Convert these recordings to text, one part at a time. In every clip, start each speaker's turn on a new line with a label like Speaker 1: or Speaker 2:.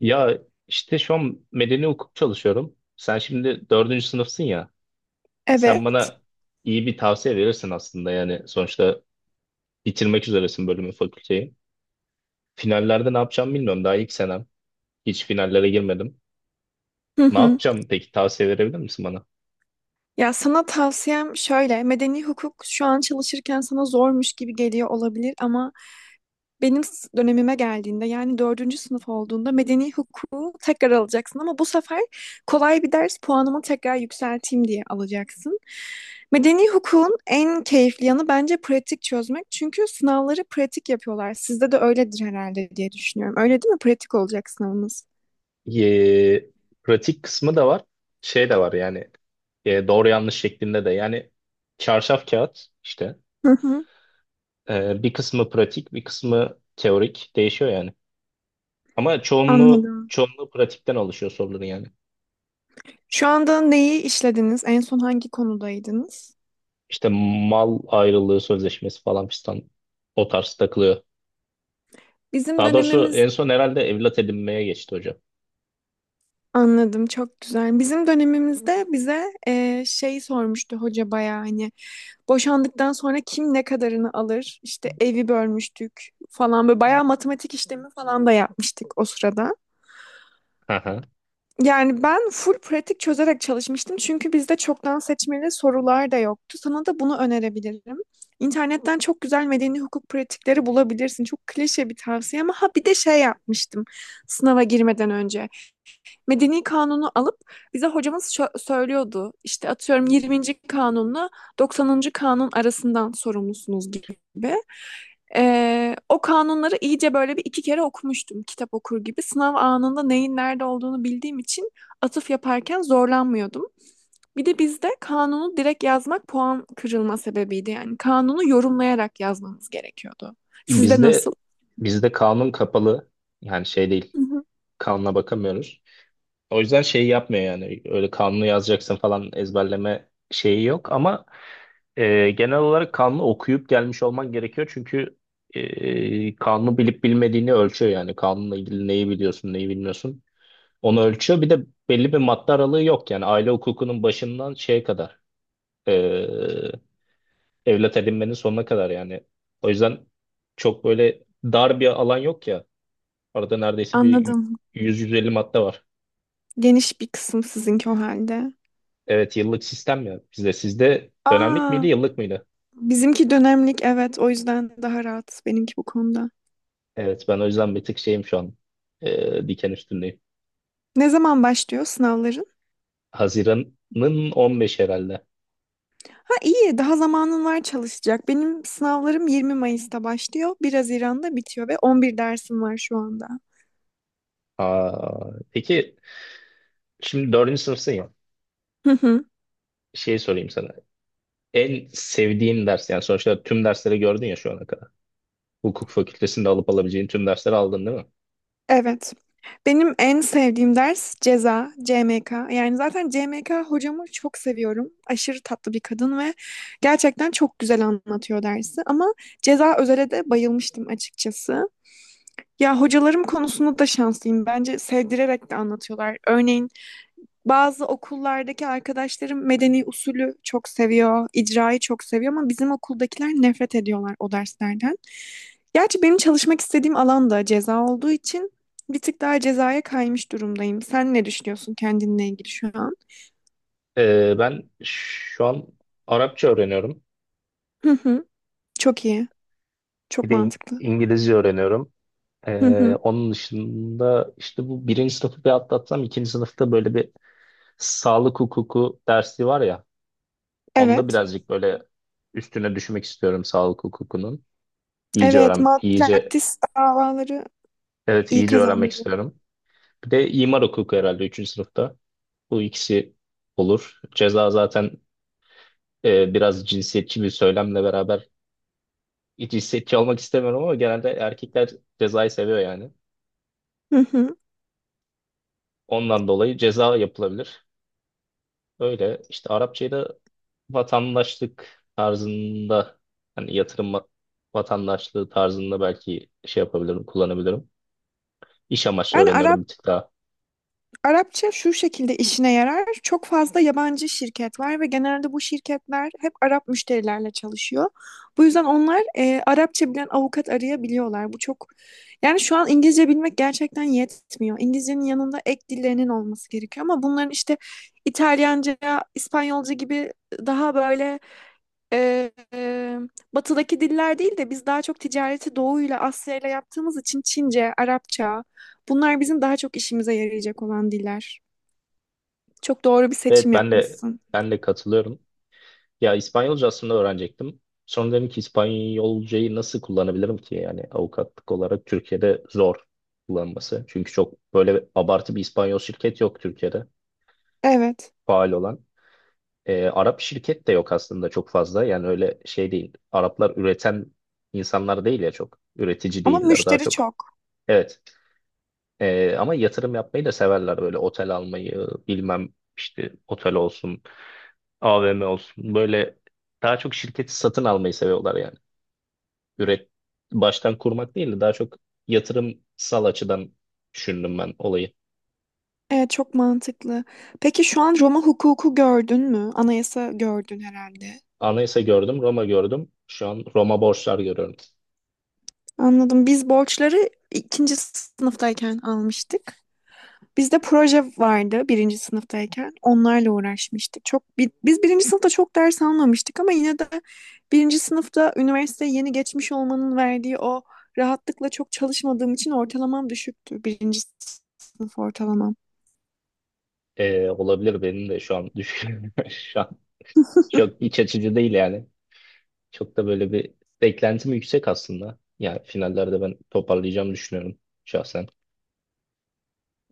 Speaker 1: Ya işte şu an medeni hukuk çalışıyorum. Sen şimdi dördüncü sınıfsın ya. Sen
Speaker 2: Evet.
Speaker 1: bana iyi bir tavsiye verirsin aslında yani. Sonuçta bitirmek üzeresin bölümü, fakülteyi. Finallerde ne yapacağımı bilmiyorum. Daha ilk senem. Hiç finallere girmedim.
Speaker 2: Hı
Speaker 1: Ne
Speaker 2: hı.
Speaker 1: yapacağım peki? Tavsiye verebilir misin bana?
Speaker 2: Ya sana tavsiyem şöyle, medeni hukuk şu an çalışırken sana zormuş gibi geliyor olabilir ama dönemime geldiğinde yani dördüncü sınıf olduğunda medeni hukuku tekrar alacaksın ama bu sefer kolay bir ders puanımı tekrar yükselteyim diye alacaksın. Medeni hukukun en keyifli yanı bence pratik çözmek çünkü sınavları pratik yapıyorlar. Sizde de öyledir herhalde diye düşünüyorum. Öyle değil mi? Pratik olacak sınavınız.
Speaker 1: Ee, Pratik kısmı da var. Şey de var yani. Doğru yanlış şeklinde de. Yani çarşaf kağıt işte.
Speaker 2: Hı hı.
Speaker 1: Bir kısmı pratik, bir kısmı teorik. Değişiyor yani. Ama çoğunluğu
Speaker 2: Anladım.
Speaker 1: çoğunluğu pratikten oluşuyor soruların yani.
Speaker 2: Şu anda neyi işlediniz? En son hangi konudaydınız?
Speaker 1: İşte mal ayrılığı sözleşmesi falan fistan o tarz takılıyor.
Speaker 2: Bizim
Speaker 1: Daha doğrusu
Speaker 2: dönemimiz.
Speaker 1: en son herhalde evlat edinmeye geçti hocam.
Speaker 2: Anladım, çok güzel. Bizim dönemimizde bize şey sormuştu hoca bayağı, hani boşandıktan sonra kim ne kadarını alır? İşte evi bölmüştük falan, böyle bayağı matematik işlemi falan da yapmıştık o sırada.
Speaker 1: Hı hı.
Speaker 2: Yani ben full pratik çözerek çalışmıştım çünkü bizde çoktan seçmeli sorular da yoktu. Sana da bunu önerebilirim. İnternetten çok güzel medeni hukuk pratikleri bulabilirsin. Çok klişe bir tavsiye ama ha, bir de şey yapmıştım sınava girmeden önce, medeni kanunu alıp, bize hocamız söylüyordu. İşte atıyorum 20. kanunla 90. kanun arasından sorumlusunuz gibi. O kanunları iyice böyle bir iki kere okumuştum, kitap okur gibi. Sınav anında neyin nerede olduğunu bildiğim için atıf yaparken zorlanmıyordum. Bir de bizde kanunu direkt yazmak puan kırılma sebebiydi. Yani kanunu yorumlayarak yazmamız gerekiyordu. Sizde
Speaker 1: Bizde
Speaker 2: nasıl?
Speaker 1: bizde kanun kapalı, yani şey değil,
Speaker 2: Hı hı.
Speaker 1: kanuna bakamıyoruz. O yüzden şeyi yapmıyor yani öyle kanunu yazacaksın falan ezberleme şeyi yok ama genel olarak kanunu okuyup gelmiş olman gerekiyor çünkü kanunu bilip bilmediğini ölçüyor yani kanunla ilgili neyi biliyorsun neyi bilmiyorsun onu ölçüyor. Bir de belli bir madde aralığı yok yani aile hukukunun başından şeye kadar eee, evlat edinmenin sonuna kadar yani. O yüzden çok böyle dar bir alan yok ya. Arada neredeyse bir
Speaker 2: Anladım.
Speaker 1: 100-150 madde var.
Speaker 2: Geniş bir kısım sizinki o halde.
Speaker 1: Evet yıllık sistem ya bizde. Sizde dönemlik miydi
Speaker 2: Aa,
Speaker 1: yıllık mıydı?
Speaker 2: bizimki dönemlik, evet, o yüzden daha rahat benimki bu konuda.
Speaker 1: Evet ben o yüzden bir tık şeyim şu an, diken üstündeyim.
Speaker 2: Ne zaman başlıyor sınavların?
Speaker 1: Haziran'ın 15 herhalde.
Speaker 2: Ha, iyi, daha zamanın var çalışacak. Benim sınavlarım 20 Mayıs'ta başlıyor. 1 Haziran'da bitiyor ve 11 dersim var şu anda.
Speaker 1: Aa, peki şimdi dördüncü sınıfsın ya.
Speaker 2: Hı hı.
Speaker 1: Şey sorayım sana. En sevdiğin ders, yani sonuçta tüm dersleri gördün ya şu ana kadar. Hukuk fakültesinde alıp alabileceğin tüm dersleri aldın değil mi?
Speaker 2: Evet. Benim en sevdiğim ders ceza, CMK. Yani zaten CMK hocamı çok seviyorum. Aşırı tatlı bir kadın ve gerçekten çok güzel anlatıyor dersi. Ama ceza özele de bayılmıştım açıkçası. Ya, hocalarım konusunda da şanslıyım. Bence sevdirerek de anlatıyorlar. Örneğin bazı okullardaki arkadaşlarım medeni usulü çok seviyor, icrayı çok seviyor ama bizim okuldakiler nefret ediyorlar o derslerden. Gerçi benim çalışmak istediğim alan da ceza olduğu için bir tık daha cezaya kaymış durumdayım. Sen ne düşünüyorsun kendinle ilgili şu an?
Speaker 1: Ben şu an Arapça öğreniyorum.
Speaker 2: Hı hı. Çok iyi. Çok
Speaker 1: Bir de
Speaker 2: mantıklı.
Speaker 1: İngilizce öğreniyorum.
Speaker 2: Hı hı.
Speaker 1: Onun dışında işte bu birinci sınıfı bir atlatsam ikinci sınıfta böyle bir sağlık hukuku dersi var ya. Onda
Speaker 2: Evet.
Speaker 1: birazcık böyle üstüne düşmek istiyorum sağlık hukukunun. İyice
Speaker 2: Evet,
Speaker 1: öğren, iyice,
Speaker 2: malpraktis davaları
Speaker 1: evet
Speaker 2: iyi
Speaker 1: iyice öğrenmek
Speaker 2: kazandırıyor.
Speaker 1: istiyorum. Bir de imar hukuku herhalde üçüncü sınıfta. Bu ikisi olur. Ceza zaten, biraz cinsiyetçi bir söylemle beraber, cinsiyetçi olmak istemiyorum ama genelde erkekler cezayı seviyor yani.
Speaker 2: Hı hı.
Speaker 1: Ondan dolayı ceza yapılabilir. Öyle işte Arapçayı da vatandaşlık tarzında, hani vatandaşlığı tarzında belki şey yapabilirim, kullanabilirim. İş amaçlı
Speaker 2: Ben Arap
Speaker 1: öğreniyorum bir tık daha.
Speaker 2: Arapça şu şekilde işine yarar. Çok fazla yabancı şirket var ve genelde bu şirketler hep Arap müşterilerle çalışıyor. Bu yüzden onlar Arapça bilen avukat arayabiliyorlar. Bu çok, yani şu an İngilizce bilmek gerçekten yetmiyor. İngilizcenin yanında ek dillerinin olması gerekiyor ama bunların işte İtalyanca, İspanyolca gibi daha böyle, e, e, batıdaki diller değil de biz daha çok ticareti Doğu'yla Asya'yla yaptığımız için Çince, Arapça, bunlar bizim daha çok işimize yarayacak olan diller. Çok doğru bir
Speaker 1: Evet
Speaker 2: seçim
Speaker 1: ben de
Speaker 2: yapmışsın.
Speaker 1: ben de katılıyorum. Ya İspanyolca aslında öğrenecektim. Sonra dedim ki İspanyolcayı nasıl kullanabilirim ki? Yani avukatlık olarak Türkiye'de zor kullanması. Çünkü çok böyle abartı bir İspanyol şirket yok Türkiye'de
Speaker 2: Evet.
Speaker 1: faal olan. Arap şirket de yok aslında çok fazla. Yani öyle şey değil. Araplar üreten insanlar değil ya çok. Üretici
Speaker 2: Ama
Speaker 1: değiller daha
Speaker 2: müşteri
Speaker 1: çok.
Speaker 2: çok.
Speaker 1: Evet. Ama yatırım yapmayı da severler, böyle otel almayı bilmem, işte otel olsun, AVM olsun, böyle daha çok şirketi satın almayı seviyorlar yani. üret Baştan kurmak değil de daha çok yatırımsal açıdan düşündüm ben olayı.
Speaker 2: Evet, çok mantıklı. Peki şu an Roma hukuku gördün mü? Anayasa gördün herhalde.
Speaker 1: Anayasa gördüm, Roma gördüm. Şu an Roma borçlar görüyorum.
Speaker 2: Anladım. Biz borçları ikinci sınıftayken almıştık. Bizde proje vardı birinci sınıftayken. Onlarla uğraşmıştık. Biz birinci sınıfta çok ders almamıştık ama yine de birinci sınıfta üniversiteye yeni geçmiş olmanın verdiği o rahatlıkla çok çalışmadığım için ortalamam düşüktü. Birinci sınıf ortalamam.
Speaker 1: Olabilir, benim de şu an düşünüyorum. Şu an çok iç açıcı değil yani. Çok da böyle bir beklentim yüksek aslında. Yani finallerde ben toparlayacağımı düşünüyorum şahsen.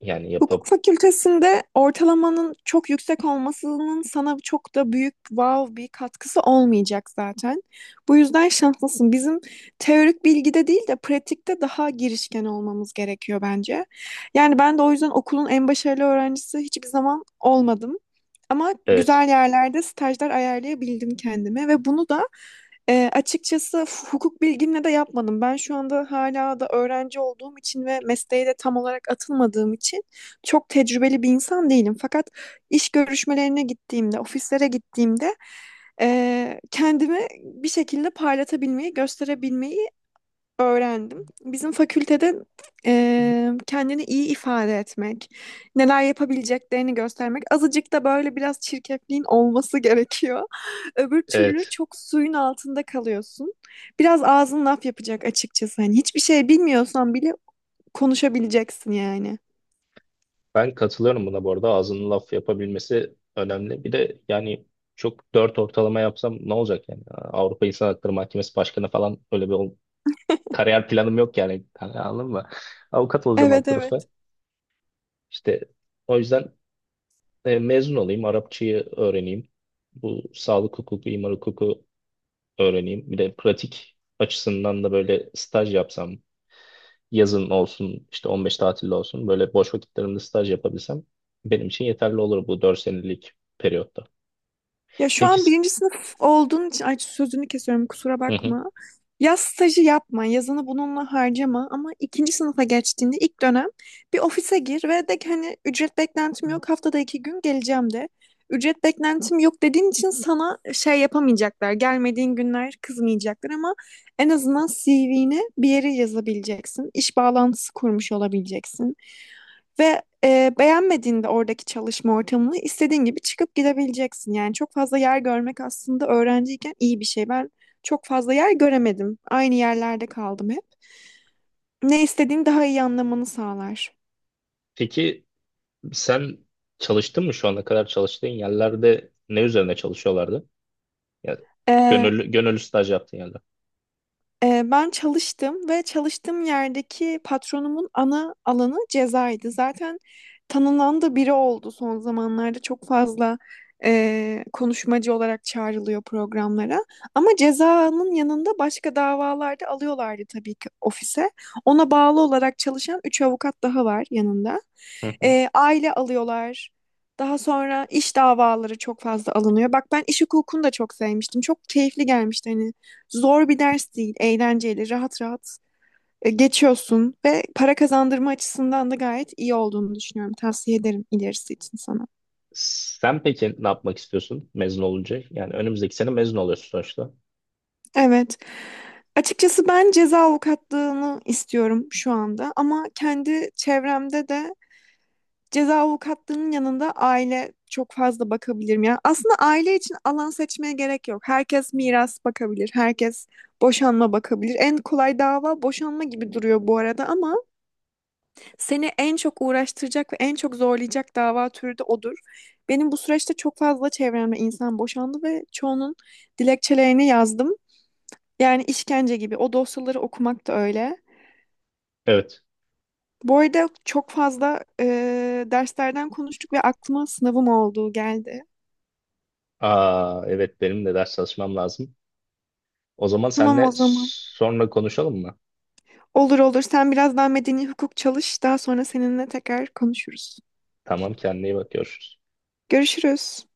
Speaker 1: Yani
Speaker 2: Hukuk
Speaker 1: yapıp,
Speaker 2: fakültesinde ortalamanın çok yüksek olmasının sana çok da büyük wow bir katkısı olmayacak zaten. Bu yüzden şanslısın. Bizim teorik bilgide değil de pratikte daha girişken olmamız gerekiyor bence. Yani ben de o yüzden okulun en başarılı öğrencisi hiçbir zaman olmadım. Ama
Speaker 1: evet.
Speaker 2: güzel yerlerde stajlar ayarlayabildim kendime ve bunu da açıkçası hukuk bilgimle de yapmadım. Ben şu anda hala da öğrenci olduğum için ve mesleğe de tam olarak atılmadığım için çok tecrübeli bir insan değilim. Fakat iş görüşmelerine gittiğimde, ofislere gittiğimde, kendimi bir şekilde parlatabilmeyi, gösterebilmeyi öğrendim. Bizim fakültede kendini iyi ifade etmek, neler yapabileceklerini göstermek, azıcık da böyle biraz çirkefliğin olması gerekiyor. Öbür türlü
Speaker 1: Evet.
Speaker 2: çok suyun altında kalıyorsun. Biraz ağzın laf yapacak açıkçası. Hani hiçbir şey bilmiyorsan bile konuşabileceksin yani.
Speaker 1: Ben katılıyorum buna bu arada. Ağzının laf yapabilmesi önemli. Bir de yani çok dört ortalama yapsam ne olacak yani? Avrupa İnsan Hakları Mahkemesi Başkanı falan öyle kariyer planım yok yani. Hani anladın mı? Avukat olacağım alt
Speaker 2: Evet,
Speaker 1: tarafa.
Speaker 2: evet.
Speaker 1: İşte o yüzden, mezun olayım, Arapçayı öğreneyim. Bu sağlık hukuku, imar hukuku öğreneyim. Bir de pratik açısından da böyle staj yapsam, yazın olsun işte 15 tatilde olsun böyle boş vakitlerimde staj yapabilsem benim için yeterli olur bu 4 senelik periyotta.
Speaker 2: Ya, şu
Speaker 1: Peki
Speaker 2: an
Speaker 1: s-
Speaker 2: birinci sınıf olduğun için, ay, sözünü kesiyorum, kusura
Speaker 1: hı hı.
Speaker 2: bakma. Yaz stajı yapma, yazını bununla harcama ama ikinci sınıfa geçtiğinde ilk dönem bir ofise gir ve de ki hani ücret beklentim yok, haftada iki gün geleceğim de. Ücret beklentim yok dediğin için sana şey yapamayacaklar. Gelmediğin günler kızmayacaklar ama en azından CV'ne bir yere yazabileceksin. İş bağlantısı kurmuş olabileceksin. Ve beğenmediğinde oradaki çalışma ortamını istediğin gibi çıkıp gidebileceksin. Yani çok fazla yer görmek aslında öğrenciyken iyi bir şey. Ben çok fazla yer göremedim. Aynı yerlerde kaldım hep. Ne istediğini daha iyi anlamanı sağlar.
Speaker 1: Peki sen çalıştın mı şu ana kadar, çalıştığın yerlerde ne üzerine çalışıyorlardı? Ya
Speaker 2: E,
Speaker 1: gönüllü staj yaptığın yerler.
Speaker 2: Ben çalıştım ve çalıştığım yerdeki patronumun ana alanı cezaydı. Zaten tanınan da biri oldu son zamanlarda. Çok fazla konuşmacı olarak çağrılıyor programlara. Ama cezanın yanında başka davalarda alıyorlardı tabii ki ofise. Ona bağlı olarak çalışan 3 avukat daha var yanında.
Speaker 1: Hı hı.
Speaker 2: Aile alıyorlar. Daha sonra iş davaları çok fazla alınıyor. Bak, ben iş hukukunu da çok sevmiştim. Çok keyifli gelmişti hani. Zor bir ders değil, eğlenceli, rahat rahat geçiyorsun ve para kazandırma açısından da gayet iyi olduğunu düşünüyorum. Tavsiye ederim ilerisi için sana.
Speaker 1: Sen peki ne yapmak istiyorsun mezun olunca? Yani önümüzdeki sene mezun oluyorsun sonuçta.
Speaker 2: Evet. Açıkçası ben ceza avukatlığını istiyorum şu anda ama kendi çevremde de ceza avukatlığının yanında aile çok fazla bakabilirim. Yani aslında aile için alan seçmeye gerek yok. Herkes miras bakabilir, herkes boşanma bakabilir. En kolay dava boşanma gibi duruyor bu arada ama seni en çok uğraştıracak ve en çok zorlayacak dava türü de odur. Benim bu süreçte çok fazla çevremde insan boşandı ve çoğunun dilekçelerini yazdım. Yani işkence gibi. O dosyaları okumak da öyle.
Speaker 1: Evet.
Speaker 2: Bu arada çok fazla derslerden konuştuk ve aklıma sınavım olduğu geldi.
Speaker 1: Aa, evet benim de ders çalışmam lazım. O zaman
Speaker 2: Tamam o
Speaker 1: seninle
Speaker 2: zaman.
Speaker 1: sonra konuşalım mı?
Speaker 2: Olur, olur. Sen biraz daha medeni hukuk çalış. Daha sonra seninle tekrar konuşuruz.
Speaker 1: Tamam, kendine iyi bak, görüşürüz.
Speaker 2: Görüşürüz.